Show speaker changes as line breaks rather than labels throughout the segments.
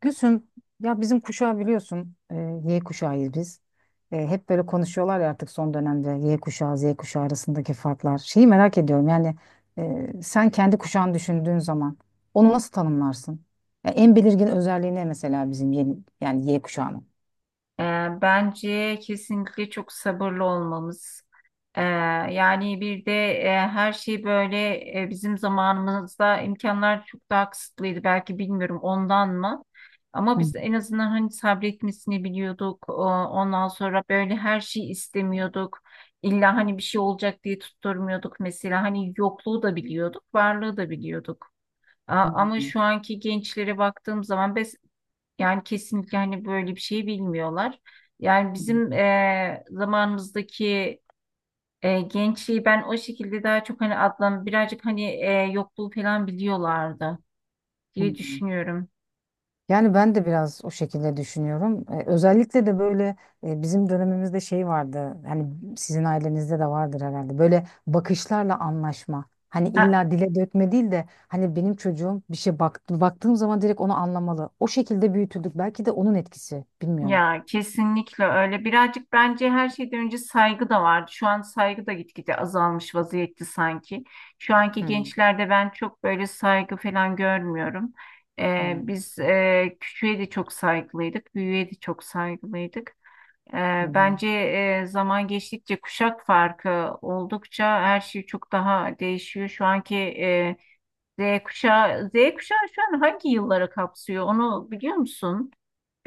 Gülsüm, ya bizim kuşağı biliyorsun, Y kuşağıyız biz. Hep böyle konuşuyorlar ya artık son dönemde Y kuşağı, Z kuşağı arasındaki farklar. Şeyi merak ediyorum yani sen kendi kuşağını düşündüğün zaman onu nasıl tanımlarsın? Ya en belirgin özelliği ne mesela bizim yeni, yani Y kuşağının?
Ee, Bence kesinlikle çok sabırlı olmamız. Ee, yani bir de her şey böyle, bizim zamanımızda imkanlar çok daha kısıtlıydı. Belki bilmiyorum ondan mı? Ama
Hı,
biz en azından hani sabretmesini biliyorduk. Ondan sonra böyle her şeyi istemiyorduk. İlla hani bir şey olacak diye tutturmuyorduk mesela. Hani yokluğu da biliyorduk, varlığı da biliyorduk. Ama
hı,
şu anki gençlere baktığım zaman yani kesinlikle hani böyle bir şey bilmiyorlar. Yani
hı,
bizim zamanımızdaki gençliği ben o şekilde daha çok hani adlan birazcık hani yokluğu falan biliyorlardı
hı.
diye düşünüyorum.
Yani ben de biraz o şekilde düşünüyorum. Özellikle de böyle bizim dönemimizde şey vardı. Hani sizin ailenizde de vardır herhalde. Böyle bakışlarla anlaşma. Hani
Ha,
illa dile dökme değil de hani benim çocuğum bir şey baktı, baktığım zaman direkt onu anlamalı. O şekilde büyütüldük. Belki de onun etkisi. Bilmiyorum.
ya kesinlikle öyle. Birazcık bence her şeyden önce saygı da vardı. Şu an saygı da gitgide azalmış vaziyette sanki. Şu anki
Hmm,
gençlerde ben çok böyle saygı falan görmüyorum.
hmm,
Biz küçüğe de çok saygılıydık, büyüğe de çok saygılıydık.
hı hı.
Bence zaman geçtikçe kuşak farkı oldukça her şey çok daha değişiyor. Şu anki Z kuşağı, Z kuşağı şu an hangi yılları kapsıyor? Onu biliyor musun?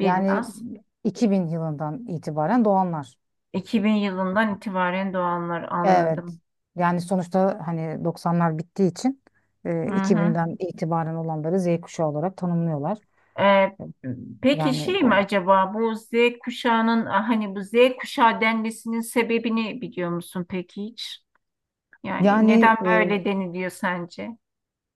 Yani 2000 yılından itibaren doğanlar.
2000 yılından itibaren doğanlar,
Evet,
anladım.
yani sonuçta hani 90'lar bittiği için
Hı
e,
hı.
2000'den itibaren olanları Z kuşağı olarak tanımlıyorlar.
Ee, peki
Yani
şey mi
O-
acaba bu Z kuşağının hani bu Z kuşağı denmesinin sebebini biliyor musun peki hiç? Yani
yani
neden
e,
böyle deniliyor sence?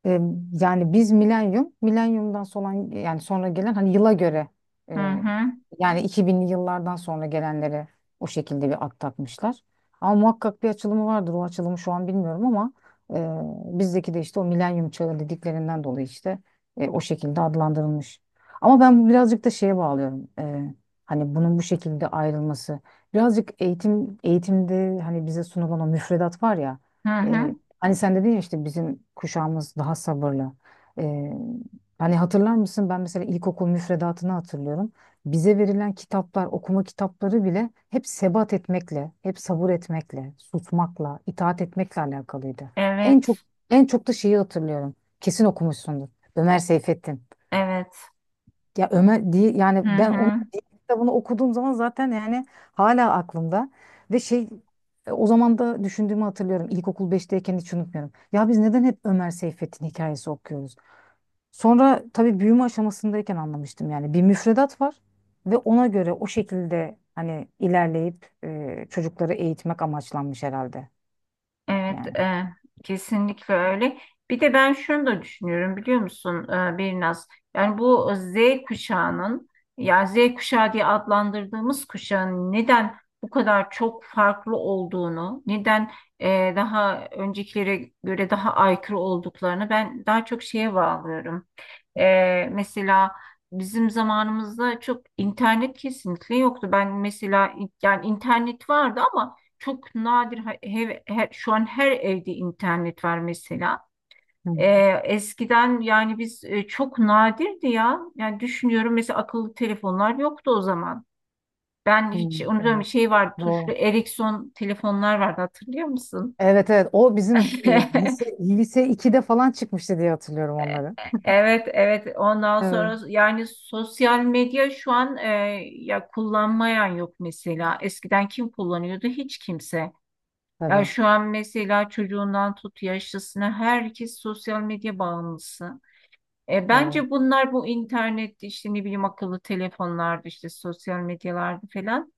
E, Yani biz milenyum, milenyumdan sonra yani sonra gelen hani yıla göre
Hı
e,
hı.
yani 2000'li yıllardan sonra gelenlere o şekilde bir ad takmışlar. Ama muhakkak bir açılımı vardır. O açılımı şu an bilmiyorum ama bizdeki de işte o milenyum çağı dediklerinden dolayı işte o şekilde adlandırılmış. Ama ben birazcık da şeye bağlıyorum. Hani bunun bu şekilde ayrılması. Birazcık eğitimde hani bize sunulan o müfredat var ya.
Hı hı.
Hani sen dedin ya işte bizim kuşağımız daha sabırlı. Ee, Hani hatırlar mısın? Ben mesela ilkokul müfredatını hatırlıyorum. Bize verilen kitaplar, okuma kitapları bile hep sebat etmekle, hep sabır etmekle, susmakla, itaat etmekle alakalıydı. En çok
Evet.
en çok da şeyi hatırlıyorum. Kesin okumuşsundur. Ömer Seyfettin.
Evet.
Ya Ömer değil, yani
Hı
ben onun
hı.
kitabını okuduğum zaman zaten yani hala aklımda ve o zaman da düşündüğümü hatırlıyorum. İlkokul beşteyken hiç unutmuyorum. Ya biz neden hep Ömer Seyfettin hikayesi okuyoruz? Sonra tabii büyüme aşamasındayken anlamıştım yani bir müfredat var ve ona göre o şekilde hani ilerleyip çocukları eğitmek amaçlanmış herhalde
Evet,
yani.
kesinlikle öyle. Bir de ben şunu da düşünüyorum biliyor musun, Birnaz? Yani bu Z kuşağının, ya Z kuşağı diye adlandırdığımız kuşağın neden bu kadar çok farklı olduğunu, neden daha öncekilere göre daha aykırı olduklarını ben daha çok şeye bağlıyorum. Mesela bizim zamanımızda çok internet kesinlikle yoktu. Ben mesela yani internet vardı ama çok nadir şu an her evde internet var mesela.
Hı,
Eskiden yani biz çok nadirdi ya. Yani düşünüyorum mesela akıllı telefonlar yoktu o zaman. Ben
hı,
hiç
hı.
unutmuyorum şey vardı, tuşlu
Doğru.
Ericsson telefonlar vardı, hatırlıyor musun?
Evet, evet, o bizim lise 2'de falan çıkmıştı diye hatırlıyorum onları.
Evet, evet. Ondan
Evet.
sonra yani sosyal medya şu an ya kullanmayan yok mesela. Eskiden kim kullanıyordu? Hiç kimse. Ya
Tabii.
şu an mesela çocuğundan tut yaşlısına herkes sosyal medya bağımlısı.
Evet.
Bence bunlar bu internette işte ne bileyim akıllı telefonlarda işte sosyal medyalarda falan.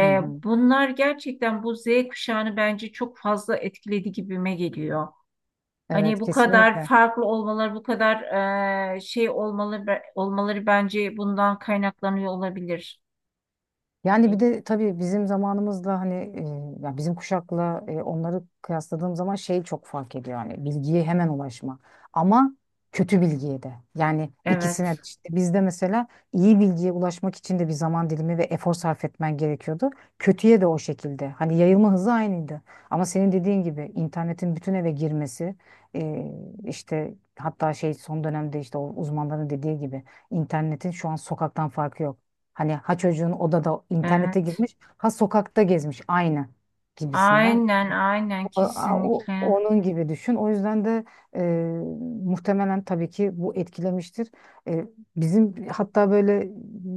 Hı hı.
Bunlar gerçekten bu Z kuşağını bence çok fazla etkiledi gibime geliyor. Hani
Evet,
bu kadar
kesinlikle.
farklı olmaları, bu kadar şey olmaları, bence bundan kaynaklanıyor olabilir. E,
Yani bir de tabii bizim zamanımızla hani ya bizim kuşakla onları kıyasladığım zaman şey çok fark ediyor yani bilgiye hemen ulaşma, ama kötü bilgiye de, yani ikisine
Evet,
de, işte bizde mesela iyi bilgiye ulaşmak için de bir zaman dilimi ve efor sarf etmen gerekiyordu. Kötüye de o şekilde hani yayılma hızı aynıydı, ama senin dediğin gibi internetin bütün eve girmesi, e, işte hatta şey son dönemde işte o uzmanların dediği gibi internetin şu an sokaktan farkı yok. Hani ha çocuğun odada internete
evet.
girmiş ha sokakta gezmiş aynı gibisinden.
Aynen, aynen kesinlikle.
Onun gibi düşün. O yüzden de e, muhtemelen tabii ki bu etkilemiştir. E, Bizim hatta böyle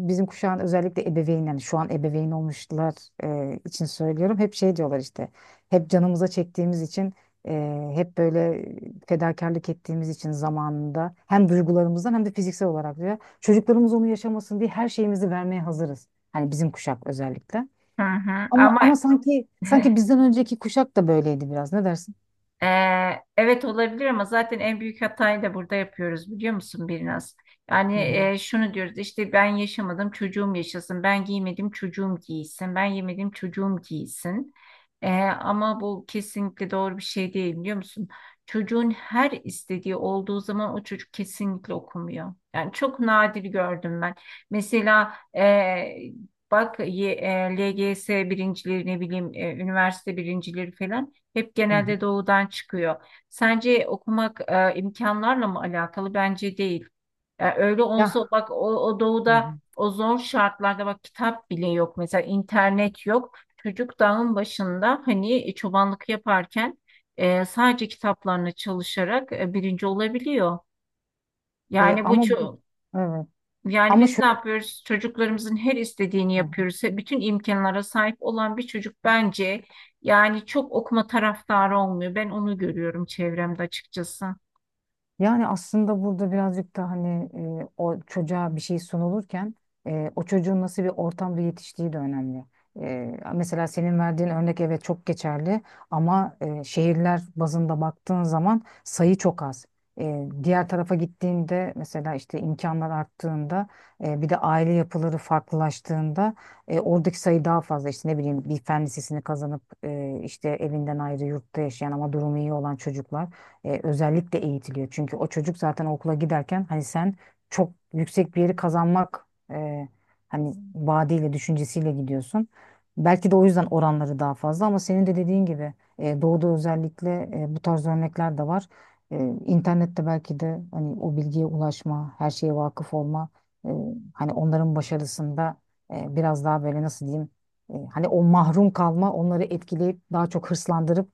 bizim kuşağın özellikle ebeveyn, yani şu an ebeveyn olmuşlar için söylüyorum. Hep şey diyorlar işte, hep canımıza çektiğimiz için, hep böyle fedakarlık ettiğimiz için zamanında hem duygularımızdan hem de fiziksel olarak diyor. Çocuklarımız onu yaşamasın diye her şeyimizi vermeye hazırız. Hani bizim kuşak özellikle.
Hı hı.
Ama,
Ama
ama sanki bizden önceki kuşak da böyleydi biraz. Ne dersin?
Ee, evet olabilir ama zaten en büyük hatayı da burada yapıyoruz biliyor musun biraz? Yani
Hı hı.
şunu diyoruz işte ben yaşamadım çocuğum yaşasın, ben giymedim çocuğum giysin, ben yemedim çocuğum giysin. Ama bu kesinlikle doğru bir şey değil biliyor musun? Çocuğun her istediği olduğu zaman o çocuk kesinlikle okumuyor. Yani çok nadir gördüm ben. Mesela bak LGS birincileri, ne bileyim üniversite birincileri falan. Hep
Hı hı.
genelde doğudan çıkıyor. Sence okumak imkanlarla mı alakalı? Bence değil. Yani öyle olsa
Ya.
bak o
Hı
doğuda
hı.
o zor şartlarda bak kitap bile yok. Mesela internet yok. Çocuk dağın başında hani çobanlık yaparken sadece kitaplarına çalışarak birinci olabiliyor.
E,
Yani bu
ama bu
çok,
evet.
yani
Ama
biz ne
şöyle.
yapıyoruz? Çocuklarımızın her istediğini yapıyoruz. Bütün imkanlara sahip olan bir çocuk bence yani çok okuma taraftarı olmuyor. Ben onu görüyorum çevremde açıkçası.
Yani aslında burada birazcık da hani o çocuğa bir şey sunulurken o çocuğun nasıl bir ortamda yetiştiği de önemli. Mesela senin verdiğin örnek evet çok geçerli, ama şehirler bazında baktığın zaman sayı çok az. Diğer tarafa gittiğinde mesela işte imkanlar arttığında, bir de aile yapıları farklılaştığında, oradaki sayı daha fazla. İşte ne bileyim, bir fen lisesini kazanıp işte evinden ayrı yurtta yaşayan ama durumu iyi olan çocuklar özellikle eğitiliyor. Çünkü o çocuk zaten okula giderken hani sen çok yüksek bir yeri kazanmak e, hani vaadiyle, düşüncesiyle gidiyorsun. Belki de o yüzden oranları daha fazla, ama senin de dediğin gibi doğuda özellikle bu tarz örnekler de var. İnternette belki de hani o bilgiye ulaşma, her şeye vakıf olma, e, hani onların başarısında biraz daha böyle nasıl diyeyim, hani o mahrum kalma onları etkileyip daha çok hırslandırıp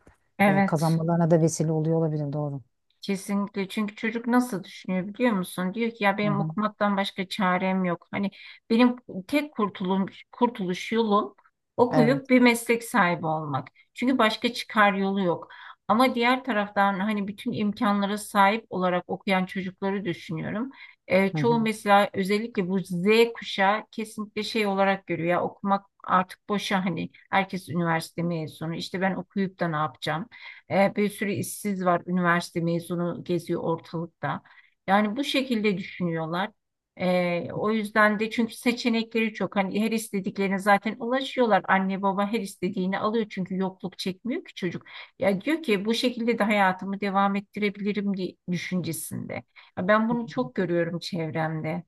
Evet.
kazanmalarına da vesile oluyor olabilir, doğru.
Kesinlikle, çünkü çocuk nasıl düşünüyor biliyor musun? Diyor ki ya
Hı
benim
hı.
okumaktan başka çarem yok. Hani benim tek kurtuluş yolum okuyup
Evet.
bir meslek sahibi olmak. Çünkü başka çıkar yolu yok. Ama diğer taraftan hani bütün imkanlara sahip olarak okuyan çocukları düşünüyorum.
Hı hı.
Çoğu
Hı
mesela özellikle bu Z kuşağı kesinlikle şey olarak görüyor, ya okumak artık boşa, hani herkes üniversite mezunu, işte ben okuyup da ne yapacağım? Bir sürü işsiz var, üniversite mezunu geziyor ortalıkta. Yani bu şekilde düşünüyorlar. O yüzden de, çünkü seçenekleri çok. Hani her istediklerine zaten ulaşıyorlar. Anne baba her istediğini alıyor çünkü yokluk çekmiyor ki çocuk. Ya diyor ki bu şekilde de hayatımı devam ettirebilirim diye düşüncesinde. Ya ben
hı.
bunu çok görüyorum çevremde.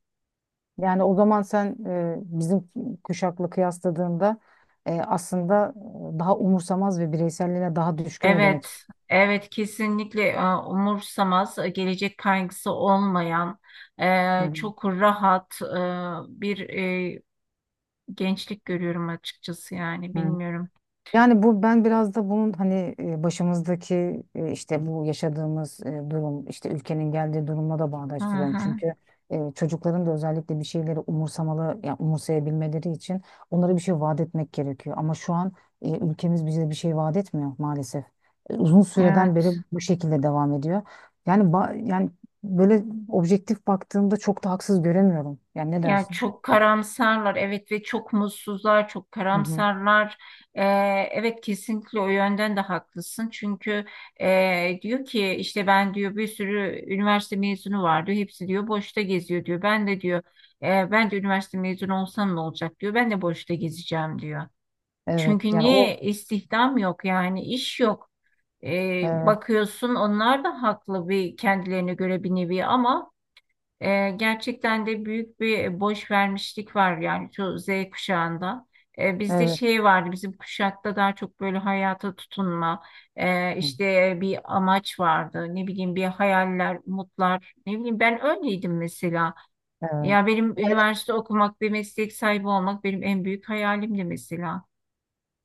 Yani o zaman sen bizim kuşakla kıyasladığında e, aslında daha umursamaz ve bireyselliğine daha düşkün mü demek
Evet,
istiyorsun?
evet kesinlikle, umursamaz, gelecek kaygısı olmayan,
Hı
çok rahat bir e, gençlik görüyorum açıkçası, yani
hı.
bilmiyorum.
Yani bu, ben biraz da bunun hani işte bu yaşadığımız durum, işte ülkenin geldiği durumla da
Hı
bağdaştırıyorum.
hı,
Çünkü çocukların da özellikle bir şeyleri umursamalı ya umursayabilmeleri için onlara bir şey vaat etmek gerekiyor. Ama şu an ülkemiz bize bir şey vaat etmiyor maalesef. Uzun süreden beri
evet.
bu şekilde devam ediyor. Yani böyle objektif baktığımda çok da haksız göremiyorum. Yani ne
Yani
dersin?
çok karamsarlar, evet, ve çok mutsuzlar, çok
Hı hı.
karamsarlar. Ee, evet kesinlikle o yönden de haklısın. Çünkü diyor ki işte ben, diyor, bir sürü üniversite mezunu var, diyor. Hepsi, diyor, boşta geziyor, diyor. Ben de, diyor, ben de üniversite mezunu olsam ne olacak, diyor. Ben de boşta gezeceğim, diyor.
Evet
Çünkü
yani o
niye istihdam yok, yani iş yok.
evet,
Bakıyorsun onlar da haklı bir, kendilerine göre bir nevi, ama gerçekten de büyük bir boş vermişlik var yani şu Z kuşağında. Bizde
evet.
şey vardı, bizim kuşakta daha çok böyle hayata tutunma,
Hı.
işte bir amaç vardı, ne bileyim bir hayaller, umutlar, ne bileyim ben öyleydim mesela.
Evet.
Ya benim üniversite okumak, bir meslek sahibi olmak benim en büyük hayalimdi mesela.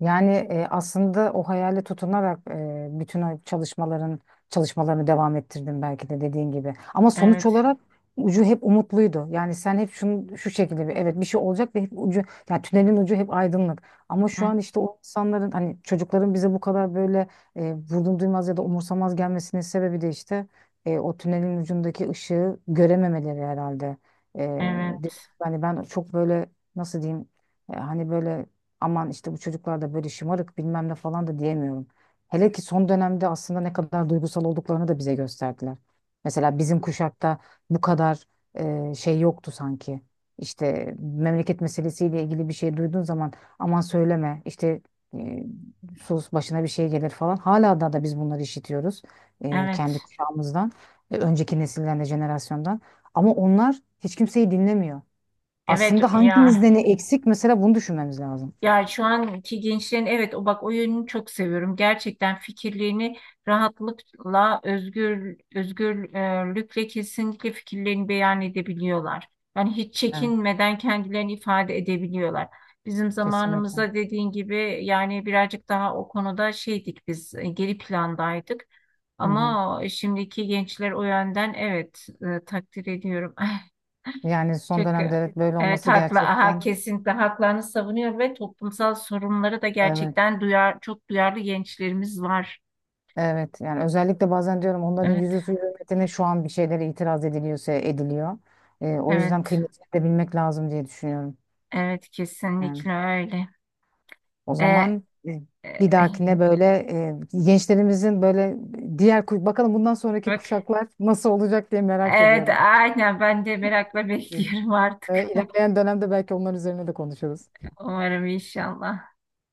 Yani aslında o hayale tutunarak e, bütün o çalışmaların çalışmalarını devam ettirdim belki de, dediğin gibi. Ama sonuç
Evet,
olarak ucu hep umutluydu. Yani sen hep şunu şu şekilde bir, evet bir şey olacak ve hep ucu, yani tünelin ucu hep aydınlık. Ama şu
Hı,
an işte o insanların, hani çocukların bize bu kadar böyle vurdum duymaz ya da umursamaz gelmesinin sebebi de işte o tünelin ucundaki ışığı görememeleri herhalde. E, Dedim,
evet,
yani ben çok böyle nasıl diyeyim, hani böyle aman işte bu çocuklar da böyle şımarık bilmem ne falan da diyemiyorum. Hele ki son dönemde aslında ne kadar duygusal olduklarını da bize gösterdiler. Mesela bizim kuşakta bu kadar şey yoktu sanki. İşte memleket meselesiyle ilgili bir şey duyduğun zaman aman söyleme işte e, sus başına bir şey gelir falan. Hala da biz bunları işitiyoruz kendi
evet,
kuşağımızdan, önceki nesilden de, jenerasyondan. Ama onlar hiç kimseyi dinlemiyor.
evet
Aslında
ya.
hangimizde ne eksik mesela, bunu düşünmemiz lazım.
Ya şu anki gençlerin, evet, o bak o yönünü çok seviyorum. Gerçekten fikirlerini rahatlıkla, özgürlükle kesinlikle fikirlerini beyan edebiliyorlar. Yani hiç
Evet.
çekinmeden kendilerini ifade edebiliyorlar. Bizim
Kesinlikle.
zamanımızda dediğin gibi yani birazcık daha o konuda şeydik biz, geri plandaydık.
Hı hı.
Ama şimdiki gençler o yönden, evet, takdir ediyorum.
Yani son
Çünkü
dönemde evet böyle
evet
olması
haklı, aha,
gerçekten
kesinlikle haklarını savunuyor ve toplumsal sorunları da
evet.
gerçekten duyar, çok duyarlı gençlerimiz var.
Evet yani özellikle bazen diyorum onların
Evet,
yüzüstü hürmetine şu an bir şeylere itiraz ediliyorsa ediliyor. O yüzden
evet,
kıymetini de bilmek lazım diye düşünüyorum.
evet
Yani
kesinlikle öyle.
o
Ee,
zaman bir
e,
dahakine böyle gençlerimizin böyle bakalım bundan sonraki
bak,
kuşaklar nasıl olacak diye merak
evet
ediyorum.
aynen ben de merakla bekliyorum artık.
İlerleyen dönemde belki onların üzerine de konuşuruz.
Umarım inşallah.